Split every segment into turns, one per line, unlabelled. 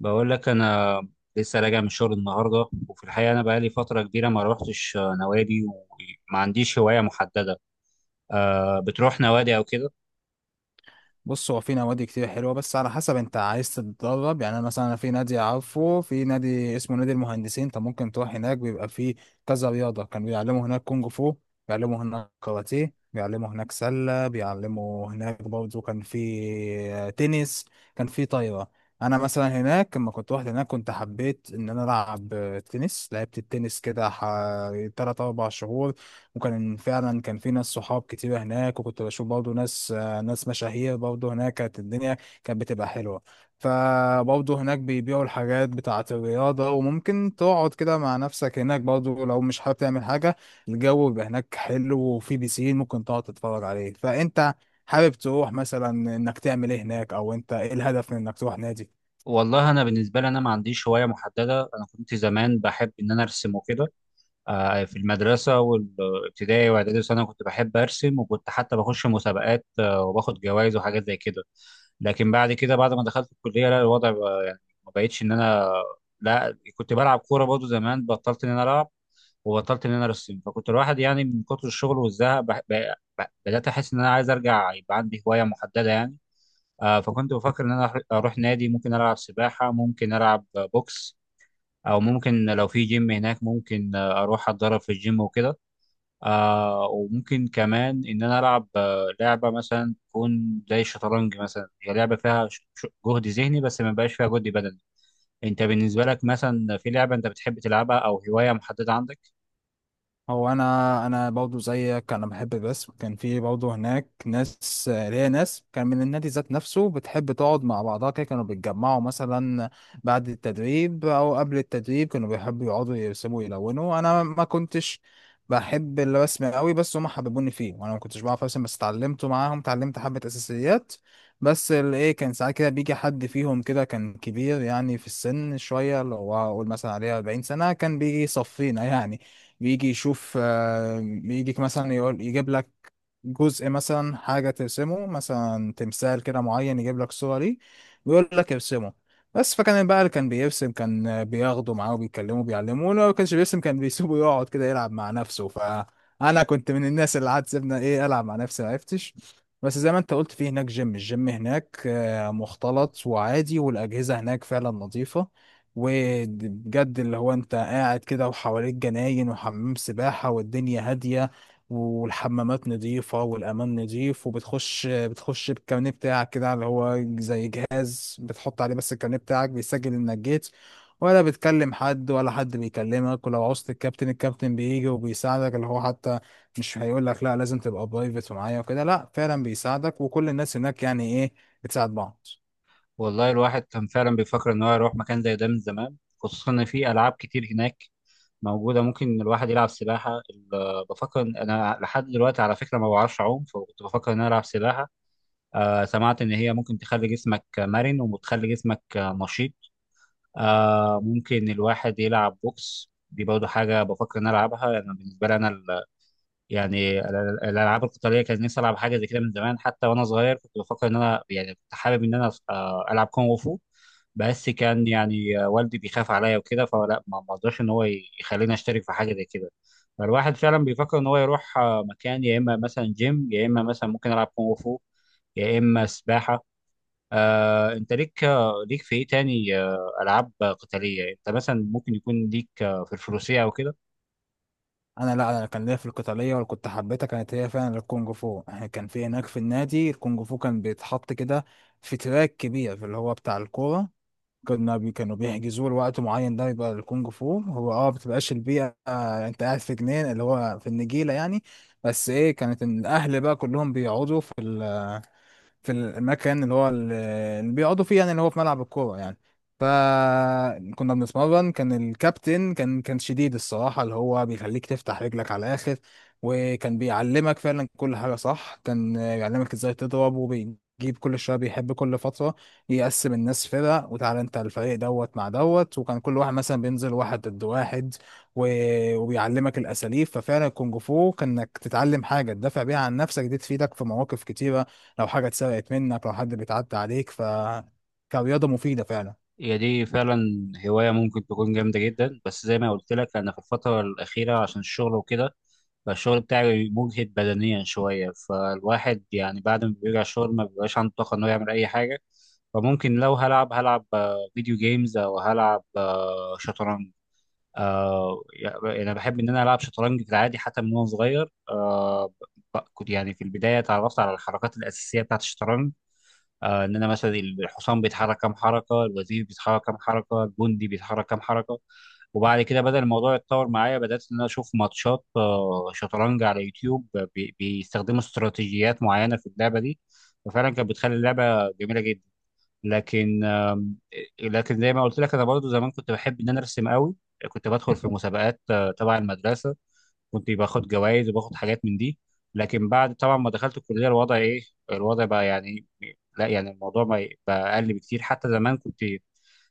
بقول لك انا لسه راجع من الشغل النهارده. وفي الحقيقه انا بقالي فتره كبيره ما روحتش نوادي، وما عنديش هوايه محدده. أه بتروح نوادي او كده؟
بص، هو في نوادي كتير حلوه بس على حسب انت عايز تتدرب يعني. انا مثلا في نادي، عارفه، في نادي اسمه نادي المهندسين. انت ممكن تروح هناك، بيبقى فيه كذا رياضه. كانوا بيعلموا هناك كونج فو، بيعلموا هناك كاراتيه، بيعلموا هناك سله، بيعلموا هناك برضه كان في تنس، كان في طايره. انا مثلا هناك لما كنت رحت هناك كنت حبيت ان انا العب تنس، لعبت التنس كده حوالي 3 4 شهور. وكان فعلا كان في ناس صحاب كتير هناك، وكنت بشوف برضه ناس، ناس مشاهير برضه هناك. كانت الدنيا كانت بتبقى حلوة. فبرضه هناك بيبيعوا الحاجات بتاعة الرياضة، وممكن تقعد كده مع نفسك هناك برضه لو مش حابب تعمل حاجة. الجو بيبقى هناك حلو، وفي بيسين ممكن تقعد تتفرج عليه. فأنت حابب تروح مثلا إنك تعمل إيه هناك، أو أنت إيه الهدف من إنك تروح نادي؟
والله انا بالنسبه لي انا ما عنديش هوايه محدده. انا كنت زمان بحب ان انا ارسم وكده. أه في المدرسه والابتدائي واعدادي وثانوي كنت بحب ارسم، وكنت حتى بخش مسابقات وباخد جوائز وحاجات زي كده. لكن بعد كده، بعد ما دخلت الكليه، لا، الوضع بقى يعني ما بقتش ان انا لا، كنت بلعب كوره برضه زمان، بطلت ان انا العب وبطلت ان انا ارسم. فكنت الواحد يعني من كتر الشغل والزهق بدات احس ان انا عايز ارجع يبقى عندي هوايه محدده يعني. فكنت بفكر ان انا اروح نادي، ممكن العب سباحه، ممكن العب بوكس، او ممكن لو في جيم هناك ممكن اروح اتدرب في الجيم وكده. وممكن كمان ان انا العب لعبه مثلا تكون زي الشطرنج، مثلا هي لعبه فيها جهد ذهني بس ما بقاش فيها جهد بدني. انت بالنسبه لك مثلا في لعبه انت بتحب تلعبها او هوايه محدده عندك؟
هو انا برضه زيك انا بحب الرسم. كان في برضه هناك ناس كان من النادي ذات نفسه بتحب تقعد مع بعضها كده. كانوا بيتجمعوا مثلا بعد التدريب او قبل التدريب، كانوا بيحبوا يقعدوا يرسموا يلونوا. انا ما كنتش بحب الرسم قوي، بس هم حببوني فيه، وانا ما كنتش بعرف ارسم بس اتعلمته معاهم، اتعلمت حبة اساسيات. بس الايه، كان ساعات كده بيجي حد فيهم كده كان كبير يعني في السن شوية، اللي هو اقول مثلا عليه 40 سنة، كان بيجي يصفينا يعني. بيجي يشوف يجيك مثلا يقول يجيب لك جزء مثلا حاجة ترسمه، مثلا تمثال كده معين، يجيب لك صورة ليه ويقول لك ارسمه. بس فكان بقى اللي كان بيرسم كان بياخده معاه وبيكلمه بيعلمه، ولو ما كانش بيرسم كان بيسيبه يقعد كده يلعب مع نفسه. فأنا كنت من الناس اللي قعدت، سيبنا إيه، ألعب مع نفسي، معرفتش. بس زي ما أنت قلت، في هناك جيم، الجيم هناك مختلط وعادي، والأجهزة هناك فعلا نظيفة. وبجد اللي هو أنت قاعد كده وحواليك جناين وحمام سباحة، والدنيا هادية والحمامات نظيفة والأمان نظيف. وبتخش بتخش بالكارنيه بتاعك كده، اللي هو زي جهاز بتحط عليه بس الكارنيه بتاعك بيسجل إنك جيت. ولا بتكلم حد ولا حد بيكلمك، ولو عوزت الكابتن بيجي وبيساعدك، اللي هو حتى مش هيقول لك لا لازم تبقى برايفت ومعايا وكده، لا فعلا بيساعدك. وكل الناس هناك يعني ايه، بتساعد بعض.
والله الواحد كان فعلا بيفكر ان هو يروح مكان زي ده من زمان، خصوصا ان في العاب كتير هناك موجوده. ممكن الواحد يلعب سباحه، بفكر إن انا لحد دلوقتي على فكره ما بعرفش اعوم، فكنت بفكر ان انا العب سباحه. آه سمعت ان هي ممكن تخلي جسمك مرن وبتخلي جسمك نشيط. آه ممكن الواحد يلعب بوكس، دي برضه حاجه بفكر ان انا العبها. انا بالنسبه لي انا يعني الالعاب القتاليه كان نفسي العب حاجه زي كده من زمان، حتى وانا صغير كنت بفكر ان انا يعني كنت حابب ان انا العب كونغ فو. بس كان يعني والدي بيخاف عليا وكده، فلا، ما رضاش ان هو يخليني اشترك في حاجه زي كده. فالواحد فعلا بيفكر ان هو يروح مكان، يا اما مثلا جيم، يا اما مثلا ممكن العب كونغ فو، يا اما سباحه. انت ليك ليك في ايه تاني؟ العاب قتاليه، انت مثلا ممكن يكون ليك في الفروسيه او كده؟
انا لا، انا كان ليا في القتاليه، ولا كنت حبيتها، كانت هي فعلا الكونج فو. يعني كان في هناك في النادي الكونج فو كان بيتحط كده في تراك كبير، في اللي هو بتاع الكوره. كنا بي كانوا بيحجزوا له وقت معين، ده يبقى الكونج فو هو بتبقاش البيئة انت قاعد في جنين اللي هو في النجيلة يعني. بس ايه، كانت إن الاهل بقى كلهم بيقعدوا في المكان اللي هو اللي بيقعدوا فيه، يعني اللي هو في ملعب الكورة يعني. فكنا بنتمرن، كان الكابتن كان شديد الصراحة، اللي هو بيخليك تفتح رجلك على الآخر. وكان بيعلمك فعلا كل حاجة صح، كان بيعلمك ازاي تضرب. وبيجيب كل شوية، بيحب كل فترة يقسم الناس فرق، وتعالى انت الفريق دوت مع دوت، وكان كل واحد مثلا بينزل واحد ضد واحد. وبيعلمك الأساليب. ففعلا الكونج فو كانك تتعلم حاجة تدافع بيها عن نفسك، دي تفيدك في مواقف كتيرة، لو حاجه اتسرقت منك، لو حد بيتعدى عليك. فكرياضه مفيده فعلا.
هي دي فعلا هواية ممكن تكون جامدة جدا، بس زي ما قلت لك أنا في الفترة الأخيرة عشان الشغل وكده، فالشغل بتاعي مجهد بدنيا شوية، فالواحد يعني بعد ما بيرجع الشغل ما بيبقاش عنده طاقة إنه يعمل أي حاجة. فممكن لو هلعب، هلعب فيديو جيمز، أو هلعب شطرنج. آه يعني أنا بحب إن أنا ألعب شطرنج في العادي حتى من وأنا صغير. آه كنت يعني في البداية اتعرفت على الحركات الأساسية بتاعة الشطرنج، آه ان انا مثلا الحصان بيتحرك كام حركه، الوزير بيتحرك كام حركه، الجندي بيتحرك كام حركه. وبعد كده بدأ الموضوع يتطور معايا، بدأت ان انا اشوف ماتشات شطرنج على يوتيوب، بيستخدموا استراتيجيات معينه في اللعبه دي، وفعلا كانت بتخلي اللعبه جميله جدا. لكن آه، لكن زي ما قلت لك انا برضو زمان كنت بحب ان انا ارسم قوي. كنت بدخل في مسابقات تبع المدرسه، كنت باخد جوائز وباخد حاجات من دي. لكن بعد طبعا ما دخلت الكليه الوضع ايه، الوضع بقى يعني لا، يعني الموضوع ما ي- بقى اقل بكتير. حتى زمان كنت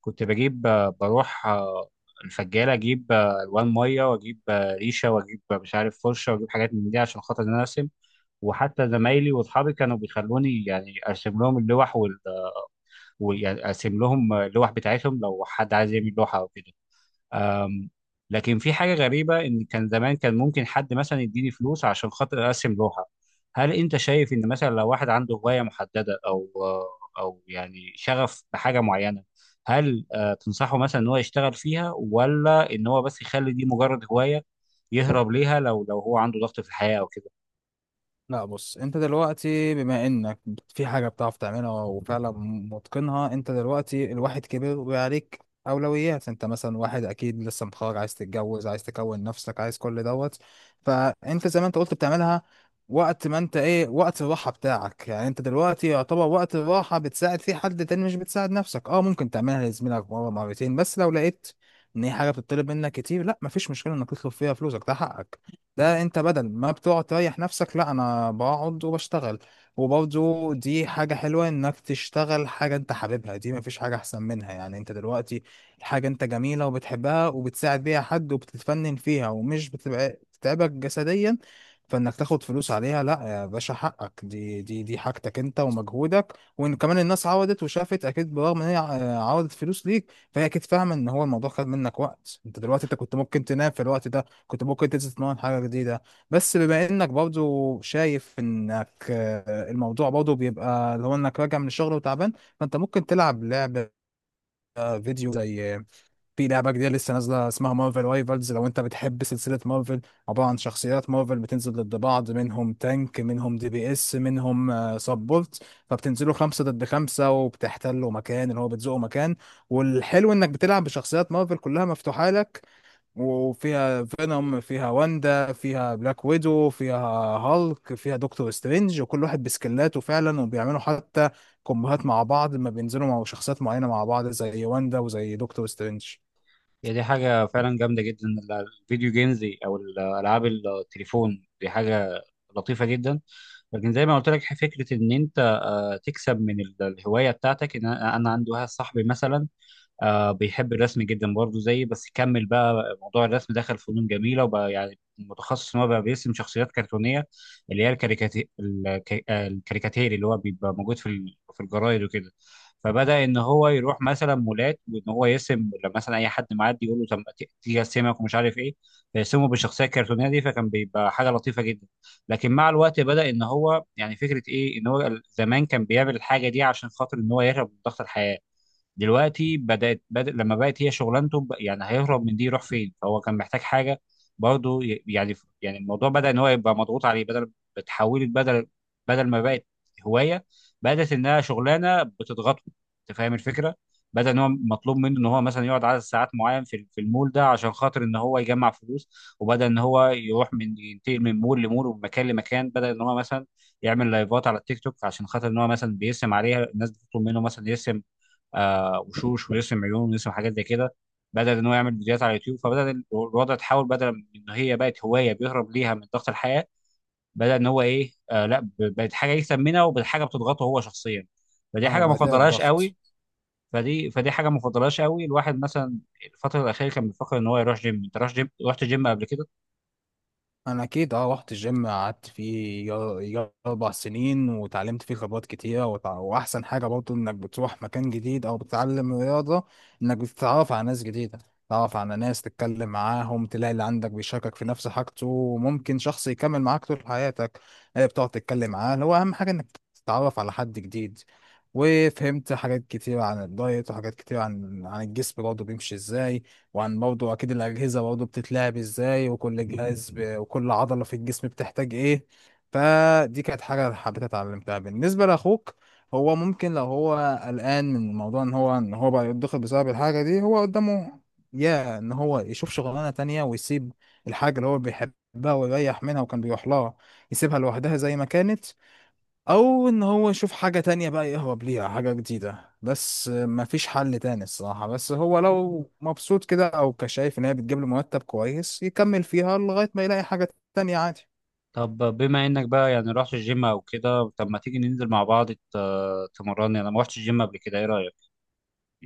كنت بجيب بروح الفجاله، اجيب الوان ميه، واجيب ريشه، واجيب مش عارف فرشه، واجيب حاجات من دي عشان خاطر ان انا ارسم. وحتى زمايلي واصحابي كانوا بيخلوني يعني ارسم لهم ويعني ارسم لهم اللوح بتاعتهم لو حد عايز يعمل لوحه او كده. أم، لكن في حاجة غريبة إن كان زمان كان ممكن حد مثلا يديني فلوس عشان خاطر أرسم لوحة. هل أنت شايف إن مثلا لو واحد عنده هواية محددة أو أو يعني شغف بحاجة معينة، هل تنصحه مثلا إن هو يشتغل فيها، ولا إن هو بس يخلي دي مجرد هواية يهرب ليها لو لو هو عنده ضغط في الحياة أو كده؟
لا بص، انت دلوقتي بما انك في حاجة بتعرف تعملها وفعلا متقنها، انت دلوقتي الواحد كبر وعليك اولويات. انت مثلا واحد اكيد لسه متخرج، عايز تتجوز، عايز تكون نفسك، عايز كل دوت. فانت زي ما انت قلت بتعملها وقت ما انت ايه، وقت الراحة بتاعك، يعني انت دلوقتي يعتبر وقت الراحة بتساعد فيه حد تاني، مش بتساعد نفسك. اه ممكن تعملها لزميلك مرة مرتين، بس لو لقيت ان هي حاجة بتطلب منك كتير، لا مفيش مشكلة انك تطلب فيها فلوسك، ده حقك. ده انت بدل ما بتقعد تريح نفسك، لا انا بقعد وبشتغل. وبرضه دي حاجة حلوة انك تشتغل حاجة انت حاببها، دي مفيش حاجة احسن منها. يعني انت دلوقتي حاجة انت جميلة وبتحبها وبتساعد بيها حد وبتتفنن فيها، ومش بتتعبك جسديا. فانك تاخد فلوس عليها، لا يا باشا، حقك، دي حاجتك انت ومجهودك. وان كمان الناس عودت وشافت اكيد، برغم ان هي عودت فلوس ليك، فهي اكيد فاهمة ان هو الموضوع خد منك وقت. انت دلوقتي انت كنت ممكن تنام في الوقت ده، كنت ممكن تتمرن حاجة جديدة. بس بما انك برضو شايف انك الموضوع برضو بيبقى اللي هو انك راجع من الشغل وتعبان، فانت ممكن تلعب لعبة فيديو زي في لعبة جديدة لسه نازلة اسمها مارفل رايفلز لو انت بتحب سلسلة مارفل. عبارة عن شخصيات مارفل بتنزل ضد بعض، منهم تانك، منهم دي بي اس، منهم سبورت. فبتنزلوا خمسة ضد خمسة وبتحتلوا مكان، اللي هو بتزقوا مكان. والحلو انك بتلعب بشخصيات مارفل كلها مفتوحة لك. وفيها فينوم، فيها واندا، فيها بلاك ويدو، فيها هالك، فيها دكتور سترينج، وكل واحد بسكلاته فعلا، وبيعملوا حتى كومبوهات مع بعض لما بينزلوا مع شخصيات معينة مع بعض زي واندا وزي دكتور سترينج.
هي دي حاجة فعلا جامدة جدا. الفيديو جيمز أو الألعاب التليفون دي حاجة لطيفة جدا. لكن زي ما قلت لك فكرة إن أنت تكسب من الهوايه بتاعتك ان انا، أنا عندي واحد صاحبي مثلا آه بيحب الرسم جدا برضه زيي، بس كمل بقى موضوع الرسم، دخل فنون جميله، وبقى يعني متخصص ان هو بقى بيرسم شخصيات كرتونيه اللي هي الكاريكاتيري اللي هو بيبقى موجود في الجرايد وكده. فبدا ان هو يروح مثلا مولات وان هو يرسم، لما مثلا اي حد معدي يقول له طب ما تيجي ارسمك ومش عارف ايه، فيرسمه بالشخصيه الكرتونيه دي، فكان بيبقى حاجه لطيفه جدا. لكن مع الوقت بدا ان هو يعني فكره ايه، ان هو زمان كان بيعمل الحاجه دي عشان خاطر ان هو يهرب من ضغط الحياه، دلوقتي بدأ لما بقت هي شغلانته يعني هيهرب من دي يروح فين؟ فهو كان محتاج حاجه برضه يعني، يعني الموضوع بدا ان هو يبقى مضغوط عليه. بدل بتحولت بدل بدل ما بقت هوايه، بدات انها شغلانه بتضغطه. انت فاهم الفكره؟ بدا ان هو مطلوب منه ان هو مثلا يقعد عدد ساعات معين في المول ده عشان خاطر ان هو يجمع فلوس، وبدا ان هو يروح من ينتقل من مول لمول ومن مكان لمكان. بدا ان هو مثلا يعمل لايفات على التيك توك عشان خاطر ان هو مثلا بيرسم عليها، الناس بتطلب منه مثلا يرسم آه وشوش ويوسف، عيون ويوسف، حاجات زي كده. بدأ ان هو يعمل فيديوهات على اليوتيوب، فبدأ الوضع تحول، بدل من ان هي بقت هوايه بيهرب ليها من ضغط الحياه، بدأ ان هو ايه، آه لا، بقت حاجه يكسب منها، وبقت حاجه بتضغطه هو شخصيا. فدي
اه
حاجه ما
بقى فيها
فضلهاش
الضغط.
قوي. فدي حاجه ما فضلهاش قوي. الواحد مثلا الفتره الاخيره كان بيفكر ان هو يروح جيم. انت رحت جيم، رحت جيم قبل كده؟
انا اكيد رحت الجيم، قعدت فيه يا 4 سنين، وتعلمت فيه خبرات كتيره، واحسن حاجه برضه انك بتروح مكان جديد او بتتعلم رياضه، انك بتتعرف على ناس جديده. تتعرف على ناس تتكلم معاهم، تلاقي اللي عندك بيشاركك في نفس حاجته، وممكن شخص يكمل معاك طول حياتك، اللي بتقعد تتكلم معاه. هو اهم حاجه انك تتعرف على حد جديد. وفهمت حاجات كتير عن الدايت، وحاجات كتير عن الجسم برضه بيمشي ازاي، وعن برضه اكيد الاجهزه برضه بتتلعب ازاي، وكل جهاز وكل عضله في الجسم بتحتاج ايه. فدي كانت حاجه حبيت اتعلمتها. بالنسبه لاخوك، هو ممكن لو هو قلقان من موضوع ان هو بقى يتضغط بسبب الحاجه دي، هو قدامه يا ان هو يشوف شغلانه تانية ويسيب الحاجه اللي هو بيحبها ويريح منها وكان بيروح لها، يسيبها لوحدها زي ما كانت، او ان هو يشوف حاجة تانية بقى يهرب ليها، حاجة جديدة. بس مفيش حل تاني الصراحة، بس هو لو مبسوط كده او كشايف ان هي بتجيب له مرتب كويس، يكمل فيها لغاية ما يلاقي حاجة تانية، عادي.
طب بما انك بقى يعني رحت الجيم او كده، طب ما تيجي ننزل مع بعض تمرني؟ انا ما رحتش الجيم قبل كده، ايه رايك؟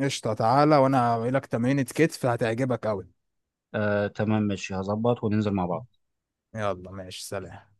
قشطة، تعالى وانا هعمل لك تمرينة كتف هتعجبك اوي.
آه تمام ماشي، هظبط وننزل مع بعض.
يلا ماشي سلام.